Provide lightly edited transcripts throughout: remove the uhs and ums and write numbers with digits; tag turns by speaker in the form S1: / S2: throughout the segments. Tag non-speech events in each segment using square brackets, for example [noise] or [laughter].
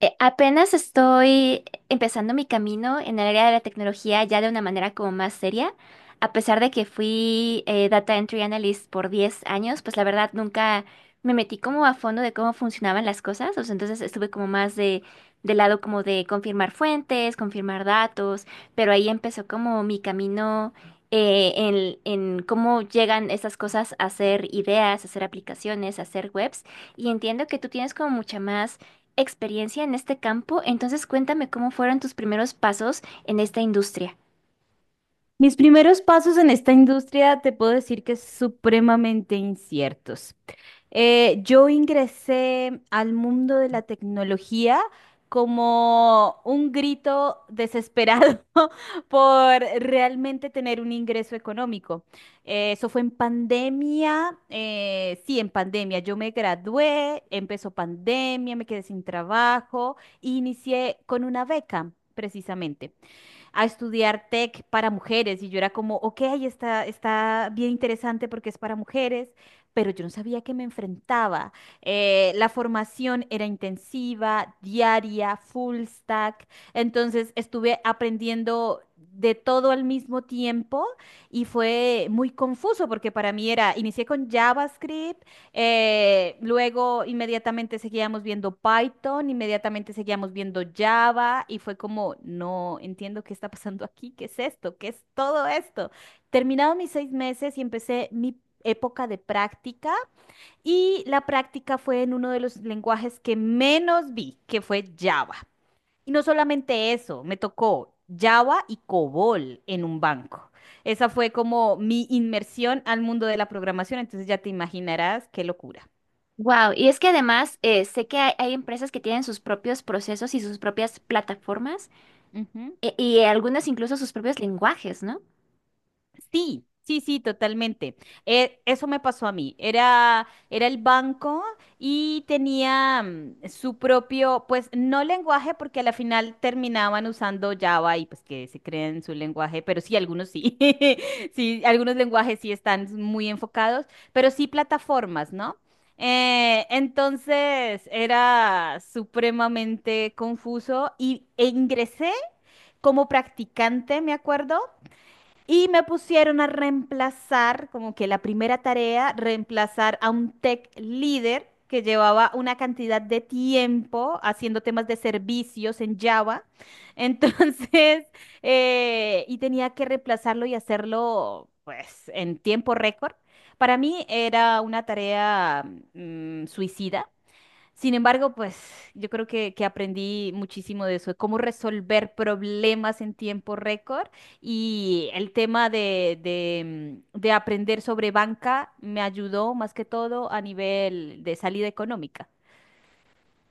S1: Apenas estoy empezando mi camino en el área de la tecnología ya de una manera como más seria. A pesar de que fui Data Entry Analyst por 10 años, pues la verdad nunca me metí como a fondo de cómo funcionaban las cosas. O sea, entonces estuve como más de, del lado como de confirmar fuentes, confirmar datos, pero ahí empezó como mi camino en cómo llegan estas cosas a ser ideas, a ser aplicaciones, a ser webs. Y entiendo que tú tienes como mucha más experiencia en este campo, entonces cuéntame cómo fueron tus primeros pasos en esta industria.
S2: Mis primeros pasos en esta industria te puedo decir que es supremamente inciertos. Yo ingresé al mundo de la tecnología como un grito desesperado [laughs] por realmente tener un ingreso económico. Eso fue en pandemia, sí, en pandemia. Yo me gradué, empezó pandemia, me quedé sin trabajo e inicié con una beca, precisamente a estudiar tech para mujeres y yo era como, ok, está bien interesante porque es para mujeres, pero yo no sabía que me enfrentaba. La formación era intensiva, diaria, full stack, entonces estuve aprendiendo de todo al mismo tiempo y fue muy confuso porque para mí era, inicié con JavaScript, luego inmediatamente seguíamos viendo Python, inmediatamente seguíamos viendo Java y fue como, no entiendo qué está pasando aquí, qué es esto, qué es todo esto. Terminados mis 6 meses y empecé mi época de práctica, y la práctica fue en uno de los lenguajes que menos vi, que fue Java. Y no solamente eso, me tocó Java y COBOL en un banco. Esa fue como mi inmersión al mundo de la programación, entonces ya te imaginarás qué locura.
S1: Wow, y es que además sé que hay empresas que tienen sus propios procesos y sus propias plataformas
S2: Ujú.
S1: y algunas incluso sus propios lenguajes, ¿no?
S2: Sí, sí, sí, totalmente. Eso me pasó a mí. Era el banco y tenía su propio, pues no lenguaje, porque a la final terminaban usando Java y pues que se creen su lenguaje, pero sí, algunos sí. [laughs] Sí, algunos lenguajes sí están muy enfocados, pero sí plataformas, ¿no? Entonces era supremamente confuso y ingresé como practicante, me acuerdo. Y me pusieron a reemplazar, como que la primera tarea, reemplazar a un tech líder que llevaba una cantidad de tiempo haciendo temas de servicios en Java. Entonces, [laughs] y tenía que reemplazarlo y hacerlo, pues, en tiempo récord. Para mí era una tarea suicida. Sin embargo, pues yo creo que aprendí muchísimo de eso, de cómo resolver problemas en tiempo récord, y el tema de de aprender sobre banca me ayudó más que todo a nivel de salida económica.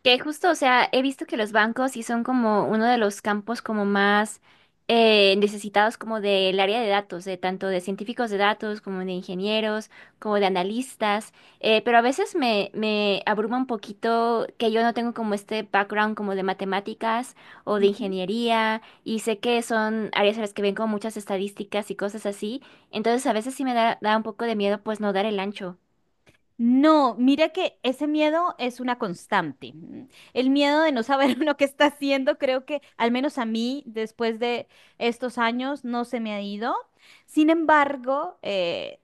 S1: Que justo, o sea, he visto que los bancos sí son como uno de los campos como más necesitados como del área de datos, de tanto de científicos de datos como de ingenieros, como de analistas, pero a veces me abruma un poquito que yo no tengo como este background como de matemáticas o de
S2: Ujú.
S1: ingeniería y sé que son áreas en las que ven como muchas estadísticas y cosas así, entonces a veces sí me da, da un poco de miedo pues no dar el ancho.
S2: No, mira que ese miedo es una constante. Mm. El miedo de no saber [laughs] uno qué está haciendo, creo que al menos a mí, después de estos años, no se me ha ido. Sin embargo,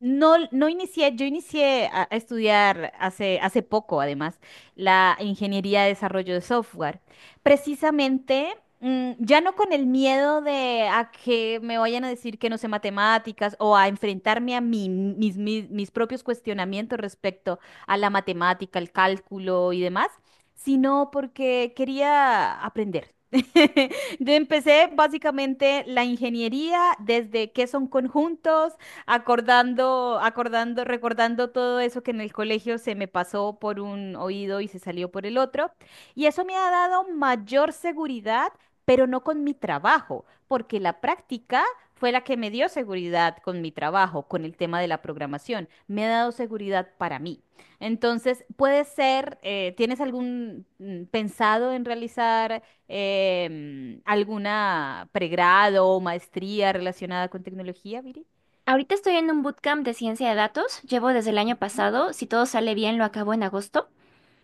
S2: no, no inicié, yo inicié a estudiar hace, poco, además, la ingeniería de desarrollo de software. Precisamente, ya no con el miedo de a que me vayan a decir que no sé matemáticas o a enfrentarme a mis propios cuestionamientos respecto a la matemática, el cálculo y demás, sino porque quería aprender. [laughs] Yo empecé básicamente la ingeniería desde qué son conjuntos, recordando todo eso que en el colegio se me pasó por un oído y se salió por el otro. Y eso me ha dado mayor seguridad, pero no con mi trabajo, porque la práctica fue la que me dio seguridad con mi trabajo, con el tema de la programación. Me ha dado seguridad para mí. Entonces, puede ser, ¿tienes algún pensado en realizar alguna pregrado o maestría relacionada con tecnología, Viri?
S1: Ahorita estoy en un bootcamp de ciencia de datos, llevo desde el año pasado, si todo sale bien lo acabo en agosto,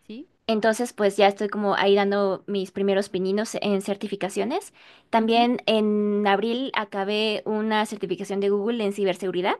S2: Sí.
S1: entonces pues ya estoy como ahí dando mis primeros pininos en certificaciones.
S2: Ujú.
S1: También en abril acabé una certificación de Google en ciberseguridad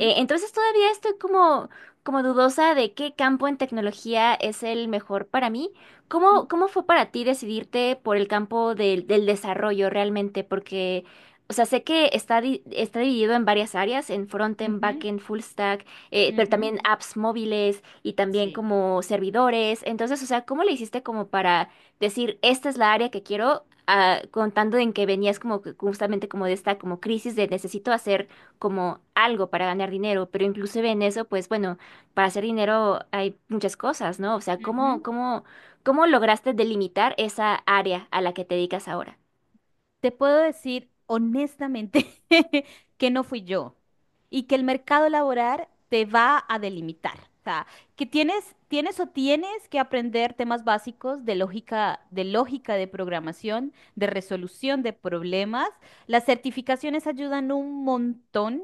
S1: entonces todavía estoy como, como dudosa de qué campo en tecnología es el mejor para mí. ¿Cómo,
S2: Ujú.
S1: cómo fue para ti decidirte por el campo del, del desarrollo realmente? Porque, o sea, sé que está, está dividido en varias áreas, en frontend,
S2: Ujú.
S1: backend, full stack, pero
S2: Ujú.
S1: también apps móviles y también
S2: Sí.
S1: como servidores. Entonces, o sea, ¿cómo le hiciste como para decir, esta es la área que quiero? Ah, contando en que venías como que justamente como de esta como crisis de necesito hacer como algo para ganar dinero, pero inclusive en eso, pues bueno, para hacer dinero hay muchas cosas, ¿no? O sea, ¿cómo,
S2: Ujú.
S1: cómo, cómo lograste delimitar esa área a la que te dedicas ahora?
S2: Te puedo decir honestamente [laughs] que no fui yo y que el mercado laboral te va a delimitar. O sea, que tienes, tienes o tienes que aprender temas básicos de lógica, de lógica de programación, de resolución de problemas. Las certificaciones ayudan un montón.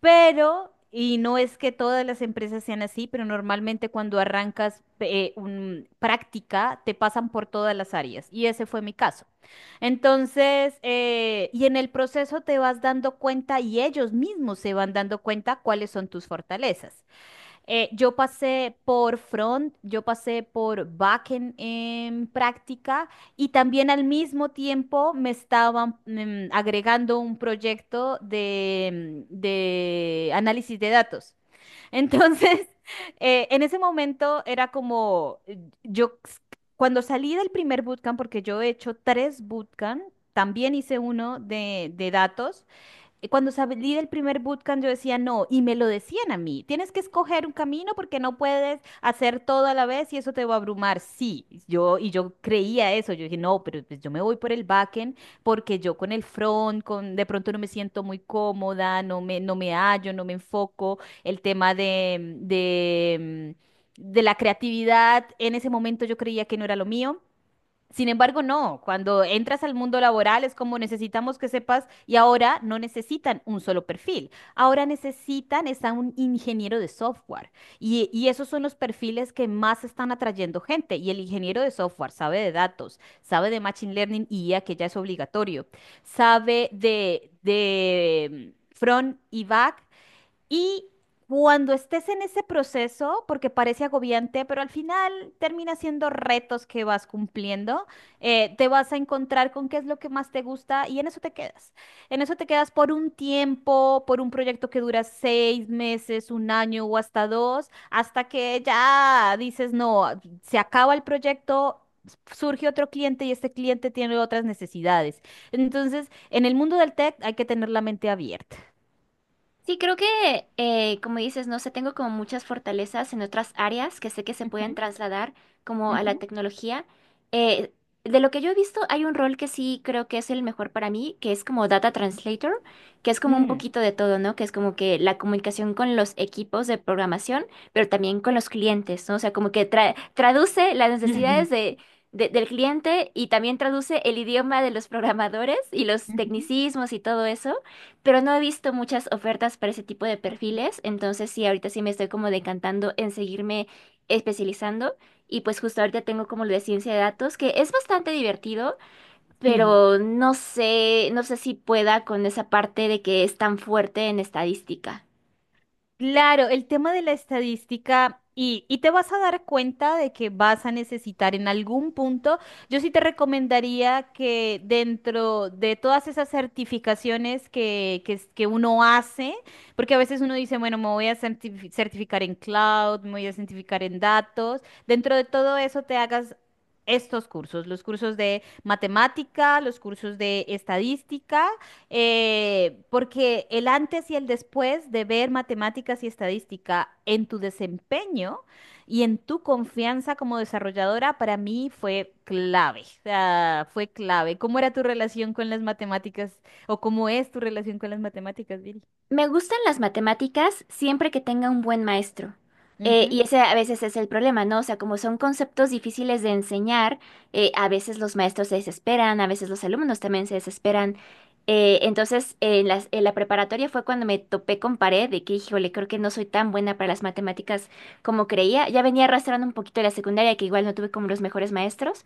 S2: Pero, y no es que todas las empresas sean así, pero normalmente cuando arrancas práctica, te pasan por todas las áreas. Y ese fue mi caso. Entonces, y en el proceso te vas dando cuenta y ellos mismos se van dando cuenta cuáles son tus fortalezas. Yo pasé por front, yo pasé por backend en práctica, y también al mismo tiempo me estaban agregando un proyecto de análisis de datos. Entonces, [laughs] en ese momento era como, cuando salí del primer bootcamp, porque yo he hecho tres bootcamp, también hice uno de datos. Cuando salí del primer bootcamp, yo decía no, y me lo decían a mí, tienes que escoger un camino porque no puedes hacer todo a la vez y eso te va a abrumar. Sí, yo creía eso, yo dije, no, pero pues, yo me voy por el backend porque yo con el front, con de pronto no me siento muy cómoda, no me hallo, no me enfoco, el tema de la creatividad, en ese momento yo creía que no era lo mío. Sin embargo, no, cuando entras al mundo laboral es como necesitamos que sepas y ahora no necesitan un solo perfil, ahora necesitan es a un ingeniero de software, y esos son los perfiles que más están atrayendo gente, y el ingeniero de software sabe de datos, sabe de Machine Learning y IA, que ya es obligatorio, sabe front y back, y cuando estés en ese proceso, porque parece agobiante, pero al final termina siendo retos que vas cumpliendo, te vas a encontrar con qué es lo que más te gusta y en eso te quedas. En eso te quedas por un tiempo, por un proyecto que dura 6 meses, un año o hasta dos, hasta que ya dices, no, se acaba el proyecto. Surge otro cliente y este cliente tiene otras necesidades. Entonces, en el mundo del tech hay que tener la mente abierta.
S1: Sí, creo que, como dices, no sé, tengo como muchas fortalezas en otras áreas que sé que se pueden
S2: Ujú.
S1: trasladar como a la
S2: Ujú.
S1: tecnología. Eh, de lo que yo he visto, hay un rol que sí creo que es el mejor para mí, que es como Data Translator, que es como un
S2: Mm.
S1: poquito de todo, ¿no? Que es como que la comunicación con los equipos de programación, pero también con los clientes, ¿no? O sea, como que traduce las
S2: Ujú.
S1: necesidades de del cliente y también traduce el idioma de los programadores y los
S2: Ujú.
S1: tecnicismos y todo eso, pero no he visto muchas ofertas para ese tipo de
S2: Ujú.
S1: perfiles, entonces sí, ahorita sí me estoy como decantando en seguirme especializando y pues justo ahorita tengo como lo de ciencia de datos, que es bastante divertido,
S2: Sí.
S1: pero no sé, no sé si pueda con esa parte de que es tan fuerte en estadística.
S2: Claro, el tema de la estadística, y te vas a dar cuenta de que vas a necesitar en algún punto, yo sí te recomendaría que dentro de todas esas certificaciones que uno hace, porque a veces uno dice, bueno, me voy a certificar en cloud, me voy a certificar en datos, dentro de todo eso te hagas... Estos cursos, los cursos de matemática, los cursos de estadística. Porque el antes y el después de ver matemáticas y estadística en tu desempeño y en tu confianza como desarrolladora para mí fue clave. O sea, fue clave. ¿Cómo era tu relación con las matemáticas, o cómo es tu relación con las matemáticas, Viri?
S1: Me gustan las matemáticas siempre que tenga un buen maestro.
S2: Ujú.
S1: Y ese a veces es el problema, ¿no? O sea, como son conceptos difíciles de enseñar, a veces los maestros se desesperan, a veces los alumnos también se desesperan. Entonces, en la preparatoria fue cuando me topé con pared de que, híjole, creo que no soy tan buena para las matemáticas como creía. Ya venía arrastrando un poquito la secundaria, que igual no tuve como los mejores maestros.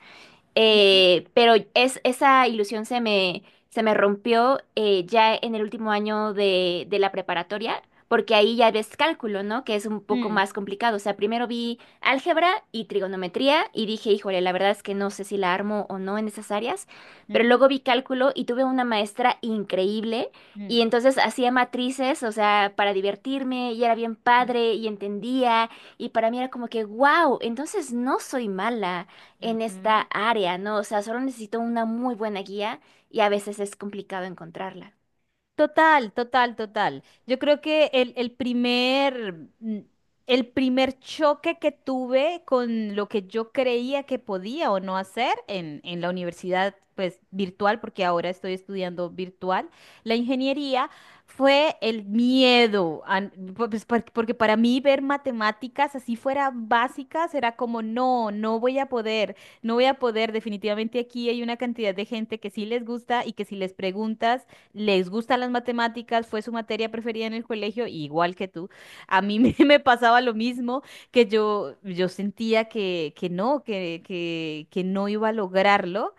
S2: Ujú.
S1: Pero es, esa ilusión se me rompió ya en el último año de la preparatoria, porque ahí ya ves cálculo, ¿no? Que es un poco
S2: Mm.
S1: más complicado. O sea, primero vi álgebra y trigonometría y dije, híjole, la verdad es que no sé si la armo o no en esas áreas, pero
S2: Ujú.
S1: luego vi cálculo y tuve una maestra increíble. Y
S2: Mm.
S1: entonces hacía matrices, o sea, para divertirme, y era bien padre, y entendía, y para mí era como que, wow, entonces no soy mala en esta
S2: Ujú.
S1: área, ¿no? O sea, solo necesito una muy buena guía y a veces es complicado encontrarla.
S2: Total, total, total. Yo creo que mm, el primer choque que tuve con lo que yo creía que podía o no hacer en, la universidad, pues virtual, porque ahora estoy estudiando virtual, la ingeniería, fue el miedo. A n- po- pues, por- Porque para mí ver matemáticas así fuera básicas era como, no, no voy a poder, no voy a poder. Definitivamente aquí hay una cantidad de gente que sí les gusta y que si les preguntas les gustan las matemáticas, fue su materia preferida en el colegio, igual que tú. A mí me, [laughs] me pasaba lo mismo, que yo sentía que no iba a lograrlo.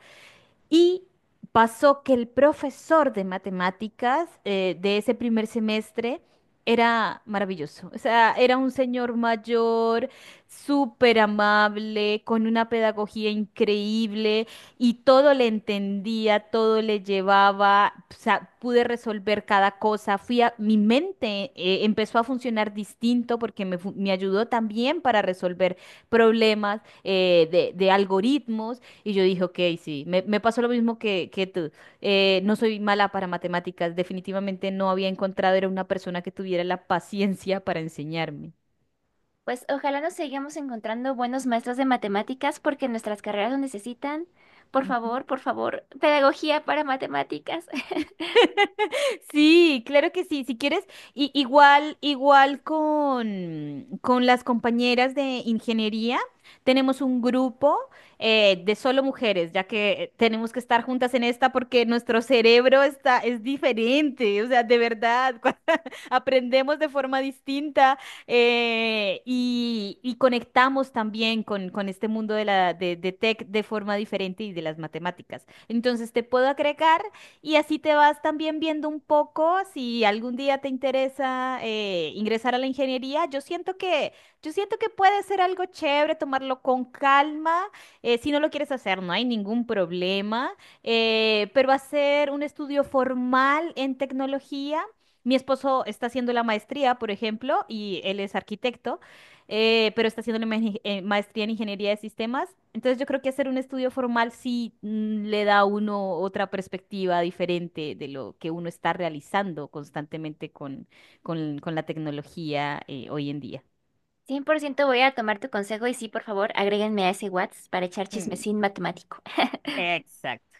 S2: Y pasó que el profesor de matemáticas, de ese primer semestre, era maravilloso. O sea, era un señor mayor, súper amable, con una pedagogía increíble, y todo le entendía, todo le llevaba. O sea, pude resolver cada cosa. Mi mente empezó a funcionar distinto porque me ayudó también para resolver problemas de algoritmos. Y yo dije, ok, sí, me pasó lo mismo que tú. No soy mala para matemáticas, definitivamente no había encontrado, era una persona que tuviera la paciencia para enseñarme.
S1: Pues ojalá nos sigamos encontrando buenos maestros de matemáticas porque nuestras carreras lo necesitan.
S2: Ujú.
S1: Por favor, pedagogía para matemáticas.
S2: [laughs] Sí, claro que sí, si quieres, igual con las compañeras de ingeniería, tenemos un grupo de solo mujeres, ya que tenemos que estar juntas en esta porque nuestro cerebro es diferente, o sea, de verdad, [laughs] aprendemos de forma distinta, y conectamos también con este mundo de tech de forma diferente y de las matemáticas. Entonces, te puedo agregar. Y así te vas también viendo un poco si algún día te interesa ingresar a la ingeniería. Yo siento que puede ser algo chévere tomarlo con calma. Si no lo quieres hacer, no hay ningún problema. Pero hacer un estudio formal en tecnología. Mi esposo está haciendo la maestría, por ejemplo, y él es arquitecto, pero está haciendo la maestría en ingeniería de sistemas. Entonces yo creo que hacer un estudio formal sí le da a uno otra perspectiva diferente de lo que uno está realizando constantemente con la tecnología hoy en día.
S1: [laughs] 100% voy a tomar tu consejo y sí, por favor, agréguenme a ese WhatsApp para echar
S2: Mm.
S1: chismecín matemático.
S2: Exacto.